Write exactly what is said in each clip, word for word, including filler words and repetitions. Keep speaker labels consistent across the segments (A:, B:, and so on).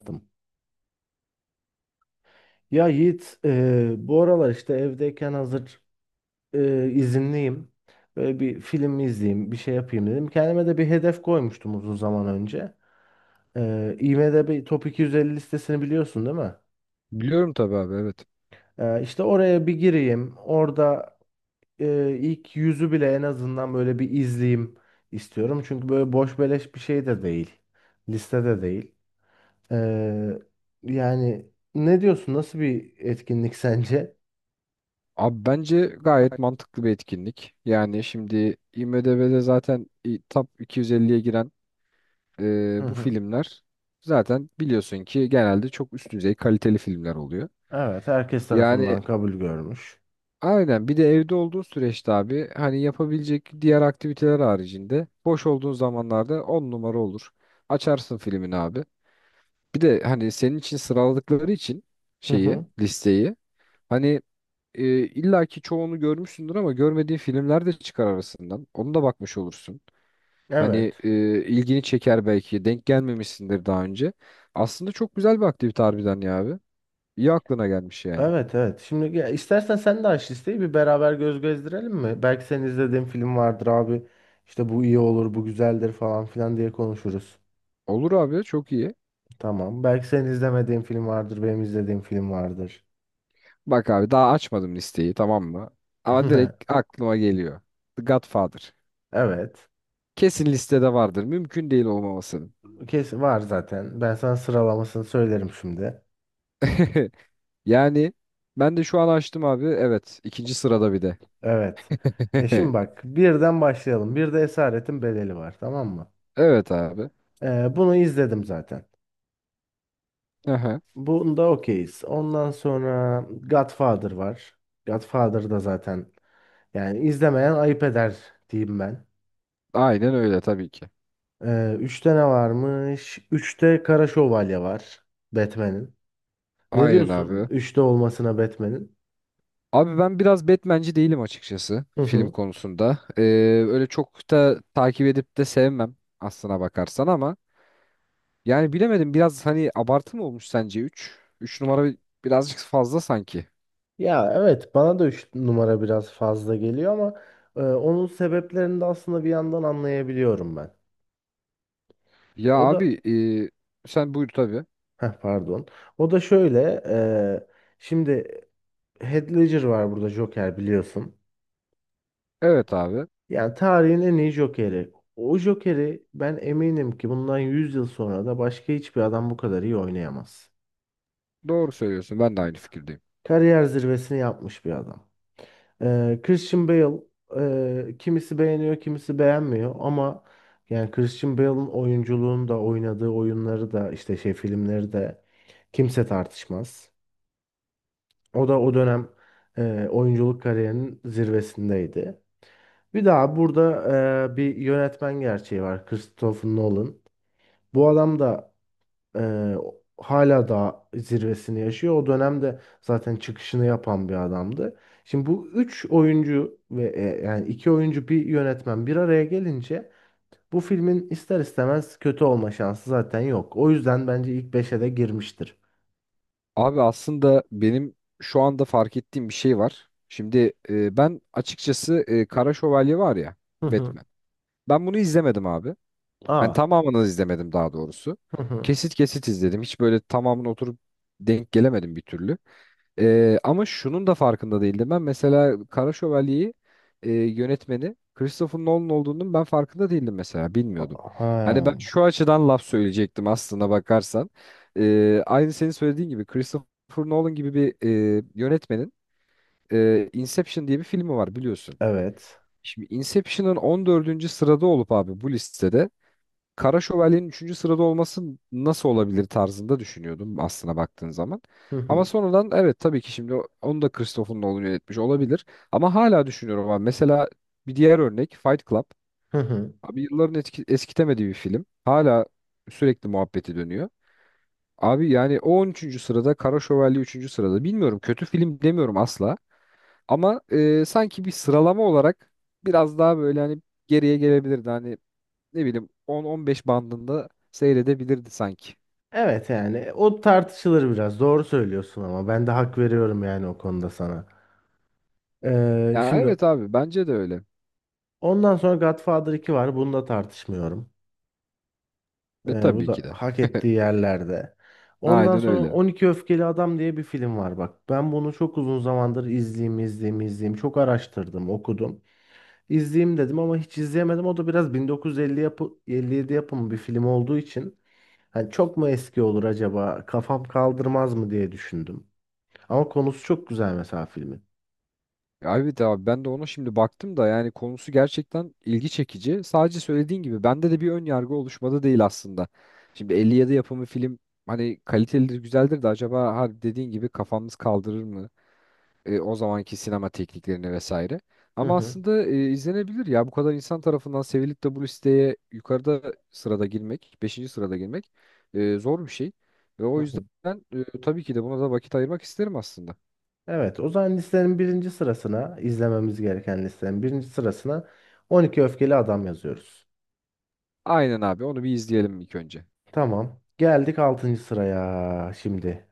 A: Yaptım. Ya Yiğit, e, bu aralar işte evdeyken hazır e, izinliyim. Böyle bir film izleyeyim, bir şey yapayım dedim. Kendime de bir hedef koymuştum uzun zaman önce. E, IMDb Top iki yüz elli listesini biliyorsun, değil mi?
B: Biliyorum tabii abi, evet.
A: E, işte oraya bir gireyim. Orada e, ilk yüzü bile en azından böyle bir izleyeyim istiyorum. Çünkü böyle boş beleş bir şey de değil. Listede değil. E, Yani ne diyorsun? Nasıl bir etkinlik sence?
B: Abi bence gayet
A: Gayet.
B: mantıklı bir etkinlik. Yani şimdi IMDb'de zaten i- top iki yüz elliye giren
A: Hı
B: e, bu
A: hı.
B: filmler zaten biliyorsun ki genelde çok üst düzey kaliteli filmler oluyor.
A: Evet, herkes
B: Yani
A: tarafından
B: evet.
A: kabul görmüş.
B: Aynen, bir de evde olduğu süreçte abi hani yapabilecek diğer aktiviteler haricinde boş olduğun zamanlarda on numara olur. Açarsın filmini abi. Bir de hani senin için sıraladıkları için
A: Hı
B: şeyi,
A: hı.
B: listeyi. Hani e, illa ki çoğunu görmüşsündür ama görmediğin filmler de çıkar arasından. Onu da bakmış olursun. Hani
A: Evet.
B: e, ilgini çeker belki. Denk gelmemişsindir daha önce. Aslında çok güzel bir aktivite harbiden ya abi. İyi aklına gelmiş yani.
A: Evet, evet. Şimdi, ya istersen sen de aç listeyi, bir beraber göz gezdirelim mi? Belki senin izlediğin film vardır abi. İşte bu iyi olur, bu güzeldir falan filan diye konuşuruz.
B: Olur abi, çok iyi.
A: Tamam. Belki senin izlemediğin film vardır, benim izlediğim film vardır.
B: Bak abi, daha açmadım listeyi, tamam mı? Ama direkt aklıma geliyor. The Godfather.
A: Evet.
B: Kesin listede vardır. Mümkün değil olmamasının.
A: Kesin var zaten. Ben sana sıralamasını söylerim şimdi.
B: Yani ben de şu an açtım abi. Evet, ikinci sırada bir de.
A: Evet. E şimdi bak, birden başlayalım. Bir de Esaretin Bedeli var, tamam mı?
B: Evet abi.
A: Ee, bunu izledim zaten.
B: Aha.
A: Bunda okeyiz. Ondan sonra Godfather var. Godfather da zaten yani izlemeyen ayıp eder diyeyim ben.
B: Aynen öyle tabii ki.
A: Ee, üçte ne varmış? Üçte Kara Şövalye var, Batman'in. Ne
B: Aynen
A: diyorsun?
B: abi.
A: Üçte olmasına, Batman'in.
B: Abi ben biraz Batman'ci değilim açıkçası
A: Hı
B: film
A: hı.
B: konusunda. Ee, öyle çok da takip edip de sevmem aslına bakarsan, ama yani bilemedim biraz, hani abartı mı olmuş sence? Üç üç numara bir- birazcık fazla sanki.
A: Ya evet, bana da üç numara biraz fazla geliyor ama e, onun sebeplerini de aslında bir yandan anlayabiliyorum ben.
B: Ya
A: O da
B: abi, e, sen buyur tabii.
A: heh, pardon. O da şöyle, e, şimdi Heath Ledger var burada, Joker biliyorsun.
B: Evet abi.
A: Yani tarihin en iyi Joker'i. O Joker'i ben eminim ki bundan yüz yıl sonra da başka hiçbir adam bu kadar iyi oynayamaz.
B: Doğru söylüyorsun. Ben de aynı fikirdeyim.
A: Kariyer zirvesini yapmış bir adam. Ee, Christian Bale e, kimisi beğeniyor, kimisi beğenmiyor ama yani Christian Bale'ın oyunculuğunu da, oynadığı oyunları da işte şey filmleri de kimse tartışmaz. O da o dönem e, oyunculuk kariyerinin zirvesindeydi. Bir daha burada e, bir yönetmen gerçeği var. Christopher Nolan. Bu adam da e, hala daha zirvesini yaşıyor. O dönemde zaten çıkışını yapan bir adamdı. Şimdi bu üç oyuncu ve e, yani iki oyuncu bir yönetmen bir araya gelince bu filmin ister istemez kötü olma şansı zaten yok. O yüzden bence ilk beşe de girmiştir.
B: Abi aslında benim şu anda fark ettiğim bir şey var. Şimdi e, ben açıkçası, e, Kara Şövalye var ya,
A: Hı hı.
B: Batman. Ben bunu izlemedim abi. Ben
A: Aa.
B: tamamını izlemedim daha doğrusu.
A: Hı hı.
B: Kesit kesit izledim. Hiç böyle tamamını oturup denk gelemedim bir türlü. Ee, ama şunun da farkında değildim. Ben mesela Kara Şövalye'yi, e, yönetmeni Christopher Nolan olduğunun ben farkında değildim mesela. Bilmiyordum. Hani ben
A: Ha.
B: şu açıdan laf söyleyecektim aslında bakarsan. Ee, aynı senin söylediğin gibi Christopher Nolan gibi bir e, yönetmenin, e, Inception diye bir filmi var biliyorsun.
A: Evet.
B: Şimdi Inception'ın on dördüncü sırada olup abi bu listede Kara Şövalye'nin üçüncü sırada olması nasıl olabilir tarzında düşünüyordum aslına baktığın zaman.
A: Hı
B: Ama
A: hı.
B: sonradan, evet tabii ki şimdi onu da Christopher Nolan yönetmiş olabilir. Ama hala düşünüyorum abi. Mesela bir diğer örnek Fight Club.
A: Hı hı.
B: Abi yılların etki, eskitemediği bir film. Hala sürekli muhabbeti dönüyor. Abi yani o on üçüncü sırada, Kara Şövalye üçüncü sırada. Bilmiyorum, kötü film demiyorum asla. Ama e, sanki bir sıralama olarak biraz daha böyle hani geriye gelebilirdi. Hani ne bileyim, on on beş bandında seyredebilirdi sanki.
A: Evet, yani o tartışılır biraz. Doğru söylüyorsun ama ben de hak veriyorum yani o konuda sana. Ee,
B: Ya
A: şimdi
B: evet abi, bence de öyle.
A: Ondan sonra Godfather iki var. Bunu da tartışmıyorum.
B: Ve
A: Ee, bu
B: tabii ki
A: da
B: de.
A: hak ettiği yerlerde. Ondan
B: Aynen
A: sonra
B: öyle.
A: on iki Öfkeli Adam diye bir film var bak. Ben bunu çok uzun zamandır izleyeyim, izleyeyim, izleyeyim. Çok araştırdım, okudum. İzleyeyim dedim ama hiç izleyemedim. O da biraz bin dokuz yüz elli yapı, elli yedi yapımı bir film olduğu için hani çok mu eski olur acaba? Kafam kaldırmaz mı diye düşündüm. Ama konusu çok güzel mesela filmin.
B: Abi de abi ben de ona şimdi baktım da yani konusu gerçekten ilgi çekici. Sadece söylediğin gibi bende de bir ön yargı oluşmadı değil aslında. Şimdi elli yedi yapımı film hani kalitelidir, güzeldir de acaba ha, dediğin gibi kafamız kaldırır mı? E, o zamanki sinema tekniklerini vesaire.
A: Hı
B: Ama
A: hı.
B: aslında e, izlenebilir ya, bu kadar insan tarafından sevilip de bu listeye yukarıda sırada girmek, beşinci sırada girmek e, zor bir şey. Ve o
A: Hı
B: yüzden
A: hı.
B: e, tabii ki de buna da vakit ayırmak isterim aslında.
A: Evet, o zaman listenin birinci sırasına izlememiz gereken listenin birinci sırasına on iki Öfkeli Adam yazıyoruz.
B: Aynen abi, onu bir izleyelim ilk önce.
A: Tamam. Geldik altıncı sıraya şimdi.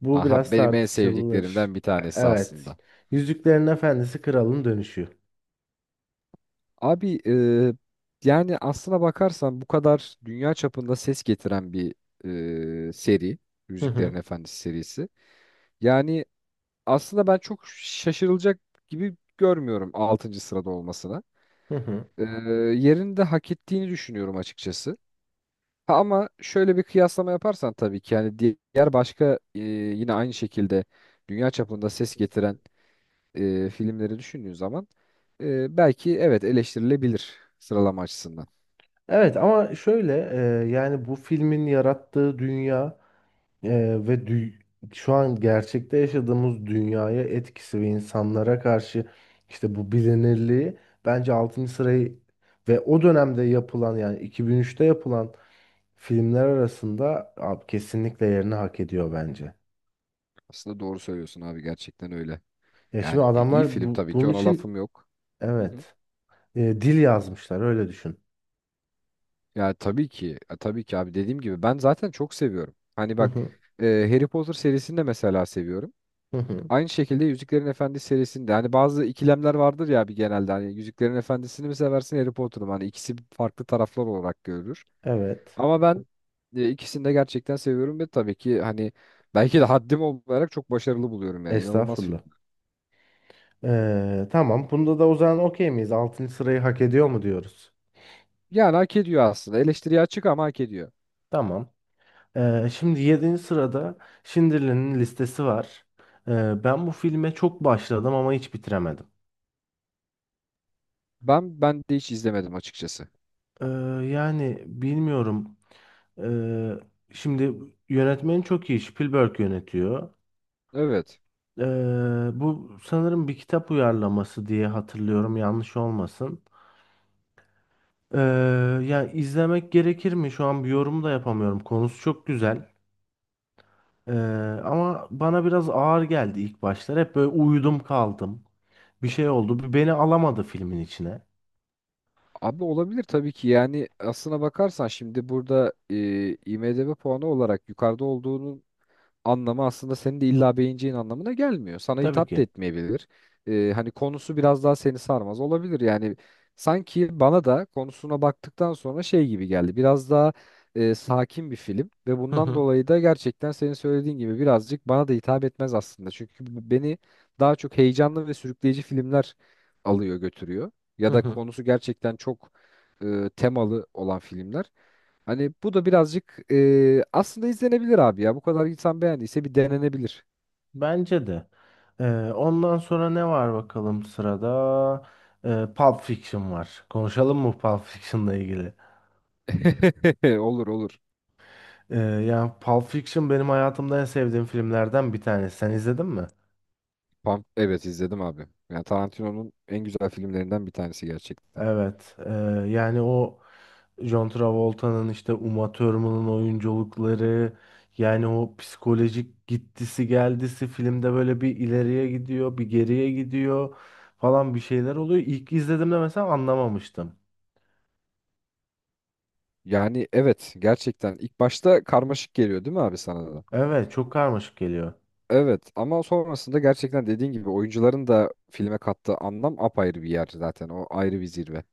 A: Bu
B: Aha,
A: biraz
B: benim en
A: tartışılır.
B: sevdiklerimden bir
A: E,
B: tanesi
A: Evet.
B: aslında.
A: Yüzüklerin Efendisi Kralın Dönüşü.
B: Abi e, yani aslına bakarsan, bu kadar dünya çapında ses getiren bir e, seri.
A: Hı
B: Yüzüklerin
A: hı.
B: Efendisi serisi. Yani aslında ben çok şaşırılacak gibi görmüyorum altıncı sırada olmasına.
A: Hı hı.
B: Ee, yerini de hak ettiğini düşünüyorum açıkçası. Ha, ama şöyle bir kıyaslama yaparsan tabii ki yani diğer başka e, yine aynı şekilde dünya çapında ses getiren e, filmleri düşündüğün zaman, e, belki evet eleştirilebilir sıralama açısından.
A: Evet, ama şöyle e, yani bu filmin yarattığı dünya e, ve dü- şu an gerçekte yaşadığımız dünyaya etkisi ve insanlara karşı işte bu bilinirliği, bence altıncı sırayı ve o dönemde yapılan yani iki bin üçte yapılan filmler arasında abi, kesinlikle yerini hak ediyor bence.
B: Aslında doğru söylüyorsun abi, gerçekten öyle.
A: Ya şimdi
B: Yani iyi
A: adamlar
B: film
A: bu,
B: tabii ki,
A: bunun
B: ona
A: için
B: lafım yok.
A: evet, e, dil yazmışlar öyle düşün.
B: Ya tabii ki, ya tabii ki abi, dediğim gibi ben zaten çok seviyorum. Hani
A: Hı
B: bak,
A: hı,
B: e, Harry Potter serisini de mesela seviyorum.
A: hı hı.
B: Aynı şekilde Yüzüklerin Efendisi serisinde, hani bazı ikilemler vardır ya abi, genelde hani Yüzüklerin Efendisi'ni mi seversin Harry Potter'ı mı? Hani ikisi farklı taraflar olarak görülür.
A: Evet.
B: Ama ben e, ikisini de gerçekten seviyorum ve tabii ki hani belki de haddim olarak çok başarılı buluyorum, yani inanılmaz film.
A: Estağfurullah. Ee, tamam. Bunda da o zaman okey miyiz? altıncı sırayı hak ediyor mu diyoruz?
B: Yani hak ediyor aslında, eleştiriye açık ama hak ediyor.
A: Tamam. Ee, şimdi yedinci sırada Schindler'in listesi var. Ee, ben bu filme çok başladım ama hiç bitiremedim.
B: Ben ben de hiç izlemedim açıkçası.
A: Ee, Yani bilmiyorum. Ee, Şimdi yönetmeni çok iyi. Spielberg yönetiyor.
B: Evet.
A: Ee, Bu sanırım bir kitap uyarlaması diye hatırlıyorum. Yanlış olmasın. Ee, Yani izlemek gerekir mi? Şu an bir yorum da yapamıyorum. Konusu çok güzel. Ee, Ama bana biraz ağır geldi ilk başlar. Hep böyle uyudum kaldım. Bir şey oldu. Bir beni alamadı filmin içine.
B: Abi olabilir tabii ki, yani aslına bakarsan şimdi burada e, IMDb puanı olarak yukarıda olduğunun anlamı aslında senin de illa beğeneceğin anlamına gelmiyor. Sana
A: Tabii
B: hitap da
A: ki.
B: etmeyebilir. Ee, hani konusu biraz daha seni sarmaz olabilir. Yani sanki bana da konusuna baktıktan sonra şey gibi geldi. Biraz daha e, sakin bir film ve
A: Hı
B: bundan
A: hı
B: dolayı da gerçekten senin söylediğin gibi birazcık bana da hitap etmez aslında. Çünkü b- beni daha çok heyecanlı ve sürükleyici filmler alıyor götürüyor. Ya
A: hı
B: da
A: hı.
B: konusu gerçekten çok e, temalı olan filmler. Hani bu da birazcık e, aslında izlenebilir abi ya. Bu kadar insan beğendiyse bir denenebilir.
A: Bence de. Ee, ondan sonra ne var bakalım sırada? Ee, Pulp Fiction var. Konuşalım mı Pulp Fiction'la ilgili?
B: Olur olur.
A: Ee, yani Pulp Fiction benim hayatımda en sevdiğim filmlerden bir tanesi. Sen izledin mi?
B: Pump, evet izledim abi. Yani Tarantino'nun en güzel filmlerinden bir tanesi gerçekten.
A: Evet. E, yani o John Travolta'nın, işte Uma Thurman'ın oyunculukları, yani o psikolojik gittisi geldisi, filmde böyle bir ileriye gidiyor, bir geriye gidiyor falan, bir şeyler oluyor. İlk izlediğimde mesela anlamamıştım.
B: Yani evet, gerçekten ilk başta karmaşık geliyor değil mi abi, sana da?
A: Evet, çok karmaşık geliyor.
B: Evet ama sonrasında gerçekten dediğin gibi oyuncuların da filme kattığı anlam apayrı bir yer zaten. O ayrı bir zirve.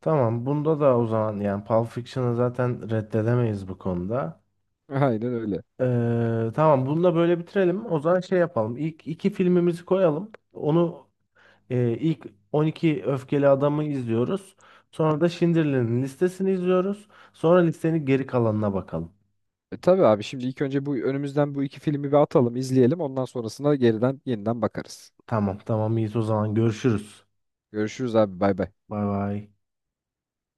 A: Tamam, bunda da o zaman yani Pulp Fiction'ı zaten reddedemeyiz bu konuda.
B: Aynen öyle.
A: Ee, tamam, bunu da böyle bitirelim. O zaman şey yapalım. İlk iki filmimizi koyalım. Onu Ee, ilk on iki öfkeli adamı izliyoruz. Sonra da Schindler'in listesini izliyoruz. Sonra listenin geri kalanına bakalım.
B: E, tabii abi, şimdi ilk önce bu önümüzden bu iki filmi bir atalım, izleyelim. Ondan sonrasında geriden yeniden bakarız.
A: Tamam, tamam, iyiyiz. O zaman görüşürüz.
B: Görüşürüz abi, bay bay.
A: Bay bay.